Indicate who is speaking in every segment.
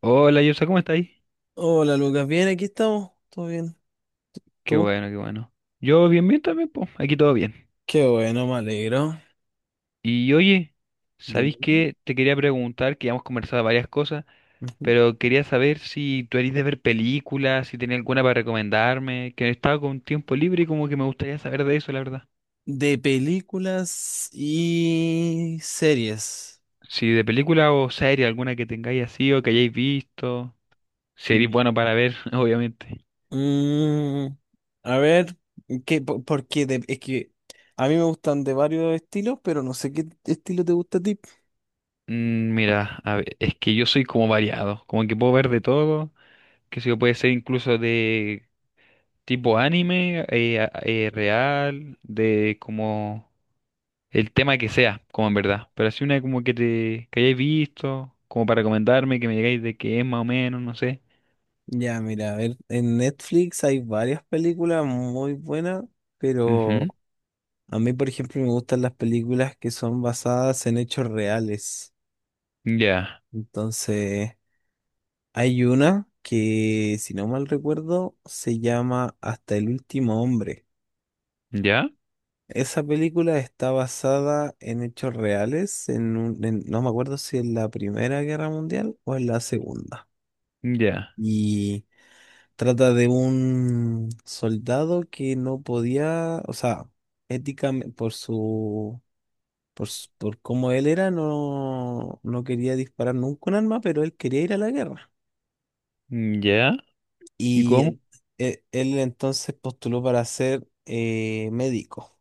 Speaker 1: Hola, Yersa, ¿cómo estáis?
Speaker 2: Hola Lucas, bien, aquí estamos, todo bien.
Speaker 1: Qué
Speaker 2: ¿Tú?
Speaker 1: bueno, qué bueno. Yo bien, bien también, pues, aquí todo bien.
Speaker 2: Qué bueno, me alegro.
Speaker 1: Y oye, ¿sabéis
Speaker 2: Dime.
Speaker 1: qué? Te quería preguntar, que ya hemos conversado varias cosas,
Speaker 2: Ujú.
Speaker 1: pero quería saber si tú eres de ver películas, si tenía alguna para recomendarme, que estaba con tiempo libre y como que me gustaría saber de eso, la verdad.
Speaker 2: De películas y series.
Speaker 1: Si de película o serie, alguna que tengáis así o que hayáis visto, si eres bueno
Speaker 2: Ya.
Speaker 1: para ver, obviamente.
Speaker 2: Mm, a ver, ¿qué, por de- es que a mí me gustan de varios estilos, pero no sé qué estilo te gusta a ti.
Speaker 1: Mira, a ver, es que yo soy como variado, como que puedo ver de todo, que sé yo, puede ser incluso de tipo anime, real, de como el tema que sea, como en verdad. Pero así una como que te que hayáis visto, como para recomendarme, que me digáis de qué es más o menos, no sé.
Speaker 2: Ya, mira, a ver, en Netflix hay varias películas muy buenas, pero
Speaker 1: Ujú.
Speaker 2: a mí, por ejemplo, me gustan las películas que son basadas en hechos reales.
Speaker 1: Ya,
Speaker 2: Entonces. Hay una que, si no mal recuerdo, se llama Hasta el último hombre.
Speaker 1: ya,
Speaker 2: Esa película está basada en hechos reales, no me acuerdo si en la Primera Guerra Mundial o en la Segunda.
Speaker 1: ya,
Speaker 2: Y trata de un soldado que no podía, o sea, éticamente, por cómo él era, no, no quería disparar nunca un arma, pero él quería ir a la guerra.
Speaker 1: ya. ¿Y
Speaker 2: Y
Speaker 1: cómo?
Speaker 2: en- Él, entonces postuló para ser médico.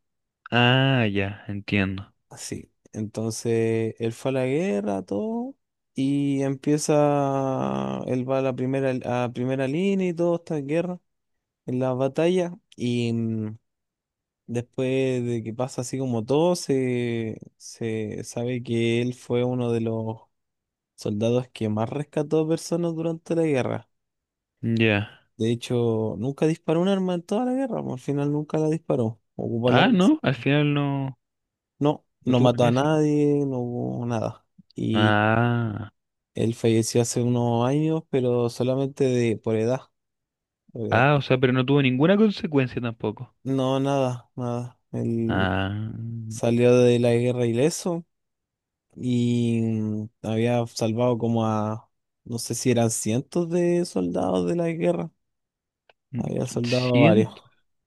Speaker 1: Ah, ya, entiendo.
Speaker 2: Así. Entonces él fue a la guerra, todo. Y empieza, él va a primera línea y todo está en guerra, en la batalla. Y después de que pasa así como todo, se sabe que él fue uno de los soldados que más rescató personas durante la guerra.
Speaker 1: Ya.
Speaker 2: De hecho, nunca disparó un arma en toda la guerra, po, al final nunca la disparó. Ocupó la
Speaker 1: Ah,
Speaker 2: arma.
Speaker 1: no, al final no,
Speaker 2: No,
Speaker 1: no
Speaker 2: no
Speaker 1: tuvo
Speaker 2: mató a
Speaker 1: que.
Speaker 2: nadie, no hubo nada. Y
Speaker 1: Ah,
Speaker 2: él falleció hace unos años, pero solamente de por edad, por edad.
Speaker 1: ah, o sea, pero no tuvo ninguna consecuencia tampoco.
Speaker 2: No, nada, nada. Él
Speaker 1: Ah,
Speaker 2: salió de la guerra ileso y había salvado como a, no sé si eran cientos de soldados de la guerra.
Speaker 1: mm,
Speaker 2: Había soldado varios,
Speaker 1: siento.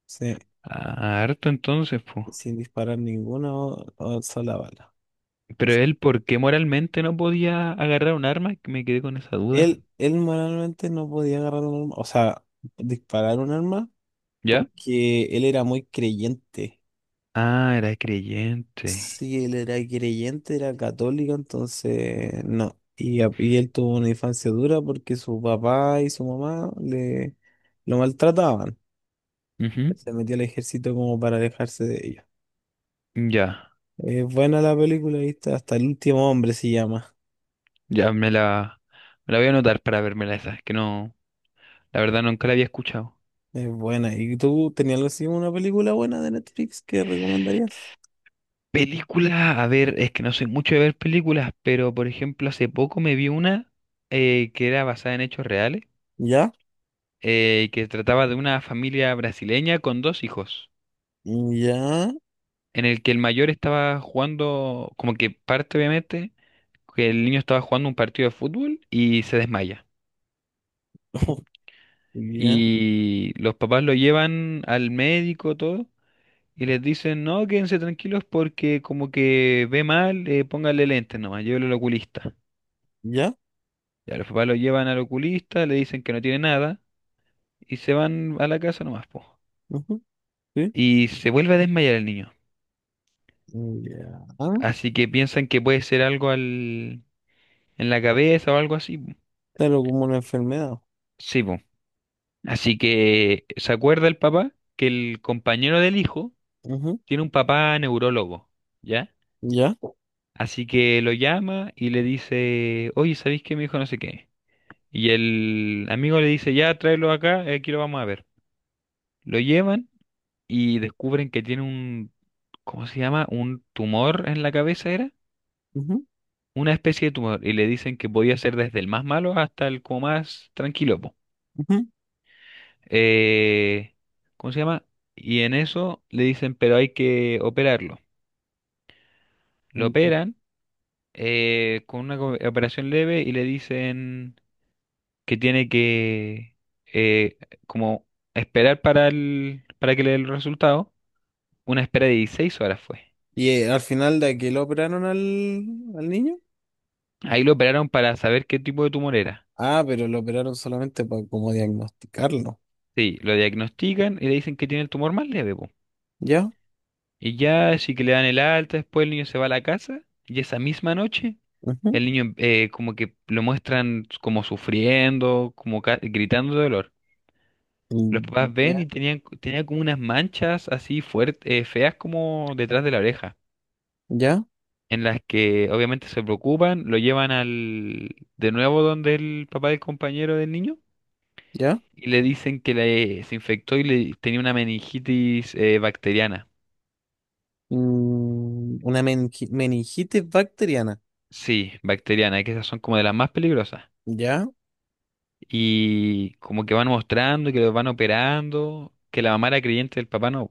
Speaker 2: sí,
Speaker 1: Ah, harto entonces, pues.
Speaker 2: sin disparar ninguna o sola bala.
Speaker 1: Pero él, ¿por qué moralmente no podía agarrar un arma? Me quedé con esa duda.
Speaker 2: Él manualmente no podía agarrar un arma, o sea, disparar un arma,
Speaker 1: ¿Ya?
Speaker 2: porque él era muy creyente.
Speaker 1: Ah, era creyente.
Speaker 2: Sí, él era creyente, era católico, entonces no. Y él tuvo una infancia dura porque su papá y su mamá le lo maltrataban.
Speaker 1: Ujú.
Speaker 2: Se metió al ejército como para alejarse de ellos.
Speaker 1: Ya,
Speaker 2: Es buena la película, ¿viste? Hasta el último hombre se llama.
Speaker 1: ya me la, me la voy a anotar para vérmela esa. Es que no, la verdad nunca la había escuchado.
Speaker 2: Es buena. ¿Y tú tenías algo así, una película buena de Netflix que recomendarías?
Speaker 1: Película, a ver, es que no soy mucho de ver películas, pero por ejemplo hace poco me vi una que era basada en hechos reales,
Speaker 2: ¿Ya?
Speaker 1: que trataba de una familia brasileña con dos hijos.
Speaker 2: ¿Ya?
Speaker 1: En el que el mayor estaba jugando, como que parte obviamente, que el niño estaba jugando un partido de fútbol y se desmaya.
Speaker 2: Ya,
Speaker 1: Y los papás lo llevan al médico, todo, y les dicen, no, quédense tranquilos porque como que ve mal, póngale lentes nomás, llévelo al oculista.
Speaker 2: ya,
Speaker 1: Ya los papás lo llevan al oculista, le dicen que no tiene nada, y se van a la casa nomás, po.
Speaker 2: ujú, sí,
Speaker 1: Y se vuelve a desmayar el niño.
Speaker 2: ya,
Speaker 1: Así que piensan que puede ser algo en la cabeza o algo así, po.
Speaker 2: pero como una enfermedad,
Speaker 1: Sí, po. Así que se acuerda el papá que el compañero del hijo
Speaker 2: ujú,
Speaker 1: tiene un papá neurólogo, ¿ya?
Speaker 2: ya,
Speaker 1: Así que lo llama y le dice, oye, ¿sabéis que mi hijo no sé qué? Y el amigo le dice, ya, tráelo acá, aquí lo vamos a ver. Lo llevan y descubren que tiene un, ¿cómo se llama? Un tumor en la cabeza, ¿era?
Speaker 2: ujú,
Speaker 1: Una especie de tumor. Y le dicen que podía ser desde el más malo hasta el como más tranquilo.
Speaker 2: ujú,
Speaker 1: Eh, ¿Cómo se llama? Y en eso le dicen, pero hay que operarlo. Lo
Speaker 2: ujú.
Speaker 1: operan con una operación leve y le dicen que tiene que eh, como esperar para para que le den el resultado. Una espera de 16 horas fue.
Speaker 2: Y al final de aquí lo operaron al niño,
Speaker 1: Ahí lo operaron para saber qué tipo de tumor era.
Speaker 2: ah, pero lo operaron solamente para como diagnosticarlo,
Speaker 1: Sí, lo diagnostican y le dicen que tiene el tumor más leve, po.
Speaker 2: ya,
Speaker 1: Y ya, así que le dan el alta, después el niño se va a la casa y esa misma noche
Speaker 2: ujú,
Speaker 1: el niño como que lo muestran como sufriendo, como gritando de dolor. Los
Speaker 2: mm,
Speaker 1: papás ven
Speaker 2: ya,
Speaker 1: y tenía como unas manchas así fuertes, feas como detrás de la oreja,
Speaker 2: ya,
Speaker 1: en las que obviamente se preocupan, lo llevan al de nuevo donde el papá del compañero del niño
Speaker 2: ya.
Speaker 1: y le dicen que se infectó y le tenía una meningitis bacteriana.
Speaker 2: Una meningitis bacteriana,
Speaker 1: Sí, bacteriana, que esas son como de las más peligrosas.
Speaker 2: ya,
Speaker 1: Y como que van mostrando que los van operando, que la mamá era creyente del papá no.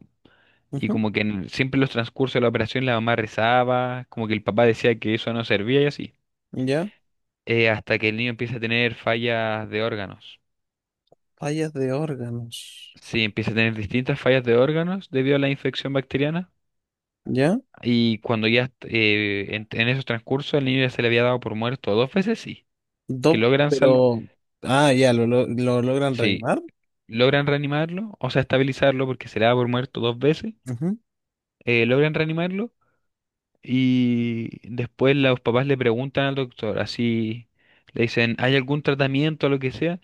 Speaker 1: Y
Speaker 2: ujú,
Speaker 1: como que siempre en los transcurso de la operación la mamá rezaba, como que el papá decía que eso no servía y así.
Speaker 2: ya,
Speaker 1: Hasta que el niño empieza a tener fallas de órganos.
Speaker 2: fallas de órganos,
Speaker 1: Sí, empieza a tener distintas fallas de órganos debido a la infección bacteriana.
Speaker 2: ya,
Speaker 1: Y cuando ya en esos transcurso el niño ya se le había dado por muerto 2 veces, sí. Que
Speaker 2: dos,
Speaker 1: logran salv
Speaker 2: pero, ah, ya, lo logran
Speaker 1: sí,
Speaker 2: reanimar.
Speaker 1: logran reanimarlo, o sea, estabilizarlo porque se le da por muerto 2 veces. Logran reanimarlo. Y después los papás le preguntan al doctor, así le dicen, ¿hay algún tratamiento o lo que sea?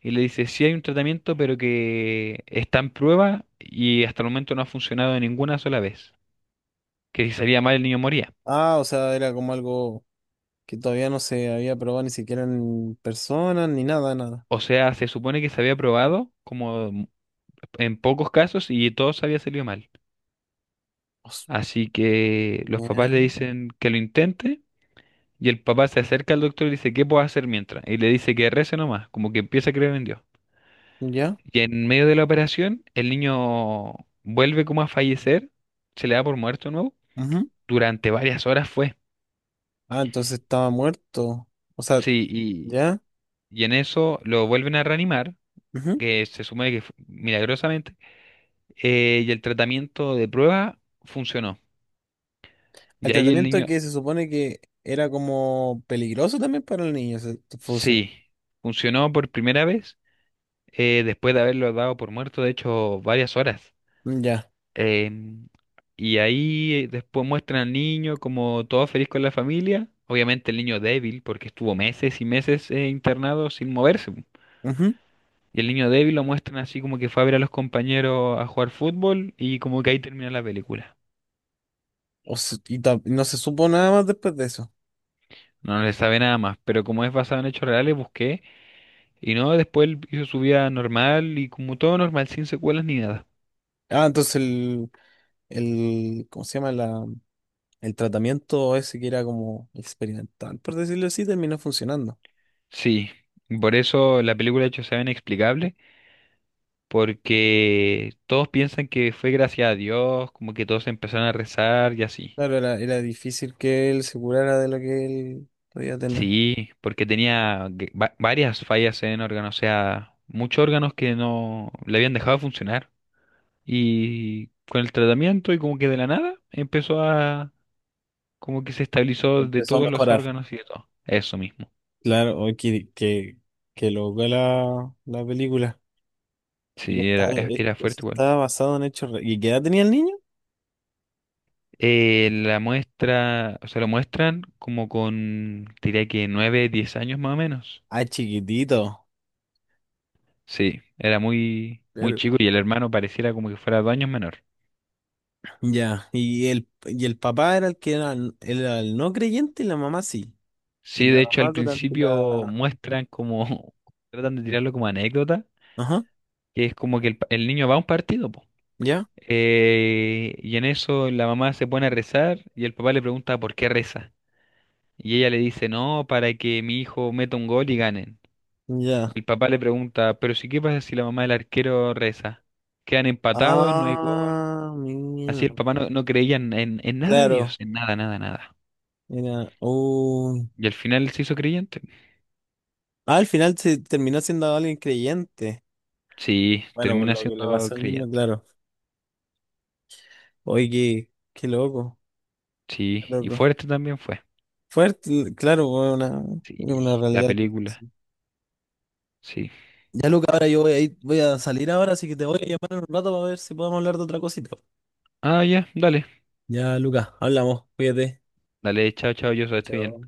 Speaker 1: Y le dice, sí hay un tratamiento, pero que está en prueba y hasta el momento no ha funcionado ninguna sola vez. Que si salía mal el niño moría.
Speaker 2: Ah, o sea, era como algo que todavía no se había probado ni siquiera en persona, ni nada, nada.
Speaker 1: O sea, se supone que se había probado como en pocos casos y todos había salido mal.
Speaker 2: Os-
Speaker 1: Así que los papás le
Speaker 2: Bien.
Speaker 1: dicen que lo intente y el papá se acerca al doctor y le dice, ¿qué puedo hacer mientras? Y le dice que rece nomás, como que empieza a creer en Dios.
Speaker 2: ¿Ya?
Speaker 1: Y en medio de la operación, el niño vuelve como a fallecer, se le da por muerto de nuevo.
Speaker 2: Ujú.
Speaker 1: Durante varias horas fue.
Speaker 2: Ah, entonces estaba muerto. O sea,
Speaker 1: Sí, y,
Speaker 2: ¿ya?
Speaker 1: y en eso lo vuelven a reanimar,
Speaker 2: Ujú.
Speaker 1: que se supone que milagrosamente, y el tratamiento de prueba funcionó.
Speaker 2: El
Speaker 1: Y ahí el
Speaker 2: tratamiento
Speaker 1: niño,
Speaker 2: que se supone que era como peligroso también para el niño, se funcionó.
Speaker 1: sí, funcionó por primera vez, después de haberlo dado por muerto, de hecho, varias horas.
Speaker 2: Ya.
Speaker 1: Em, y ahí después muestran al niño como todo feliz con la familia. Obviamente el niño débil, porque estuvo meses y meses internado sin moverse, po.
Speaker 2: Ujú.
Speaker 1: Y el niño débil lo muestran así como que fue a ver a los compañeros a jugar fútbol y como que ahí termina la película.
Speaker 2: O se- y ta- No se supo nada más después de eso.
Speaker 1: No, no le sabe nada más, pero como es basado en hechos reales, busqué. Y no, después él hizo su vida normal y como todo normal, sin secuelas ni nada.
Speaker 2: Ah, entonces el, ¿cómo se llama? El tratamiento ese que era como experimental, por decirlo así, terminó funcionando.
Speaker 1: Sí, por eso la película de hecho se ve inexplicable, porque todos piensan que fue gracias a Dios, como que todos empezaron a rezar y así.
Speaker 2: Claro, era difícil que él se curara de lo que él podía tener.
Speaker 1: Sí, porque tenía varias fallas en órgano, o sea, muchos órganos que no le habían dejado de funcionar. Y con el tratamiento y como que de la nada empezó a, como que se estabilizó de
Speaker 2: Empezó a
Speaker 1: todos los
Speaker 2: mejorar.
Speaker 1: órganos y de todo. Eso mismo.
Speaker 2: Claro, hoy que loca la película. Y
Speaker 1: Sí,
Speaker 2: está,
Speaker 1: era, era
Speaker 2: Eso
Speaker 1: fuerte igual.
Speaker 2: está basado ¿Y qué edad tenía el niño?
Speaker 1: La muestra, o sea, lo muestran como con, diría que 9, 10 años más o menos.
Speaker 2: Ah, chiquitito.
Speaker 1: Sí, era muy, muy
Speaker 2: Claro.
Speaker 1: chico y el hermano pareciera como que fuera 2 años menor.
Speaker 2: Ya. Y el papá era el que era, era el no creyente y la mamá sí. Y
Speaker 1: Sí,
Speaker 2: la
Speaker 1: de hecho al
Speaker 2: mamá durante
Speaker 1: principio
Speaker 2: la.
Speaker 1: muestran como, tratan de tirarlo como anécdota,
Speaker 2: Ajá.
Speaker 1: que es como que el niño va a un partido, po.
Speaker 2: Ya.
Speaker 1: Y en eso la mamá se pone a rezar y el papá le pregunta por qué reza. Y ella le dice, no, para que mi hijo meta un gol y ganen.
Speaker 2: Ya.
Speaker 1: Y el papá le pregunta, pero si qué pasa si la mamá del arquero reza. Quedan empatados, no hay gol.
Speaker 2: Ah, mira.
Speaker 1: Así el papá no, no creía en nada de Dios,
Speaker 2: Claro.
Speaker 1: en nada, nada, nada.
Speaker 2: Era.
Speaker 1: Y al final se hizo creyente.
Speaker 2: Ah, al final se terminó siendo alguien creyente.
Speaker 1: Sí,
Speaker 2: Bueno, por
Speaker 1: termina
Speaker 2: lo que le
Speaker 1: siendo
Speaker 2: pasó al niño,
Speaker 1: creyente.
Speaker 2: claro. Oye, qué loco,
Speaker 1: Sí,
Speaker 2: qué
Speaker 1: y
Speaker 2: loco.
Speaker 1: fuerte también fue.
Speaker 2: Fuerte, claro, fue una,
Speaker 1: Sí,
Speaker 2: una
Speaker 1: la
Speaker 2: realidad.
Speaker 1: película.
Speaker 2: Sí.
Speaker 1: Sí.
Speaker 2: Ya, Luca, ahora yo voy a salir ahora, así que te voy a llamar en un rato para ver si podemos hablar de otra cosita.
Speaker 1: Ah, ya, dale.
Speaker 2: Ya, Luca, hablamos, cuídate.
Speaker 1: Dale, chao, chao, yo
Speaker 2: Chao.
Speaker 1: estoy bien.
Speaker 2: Chao.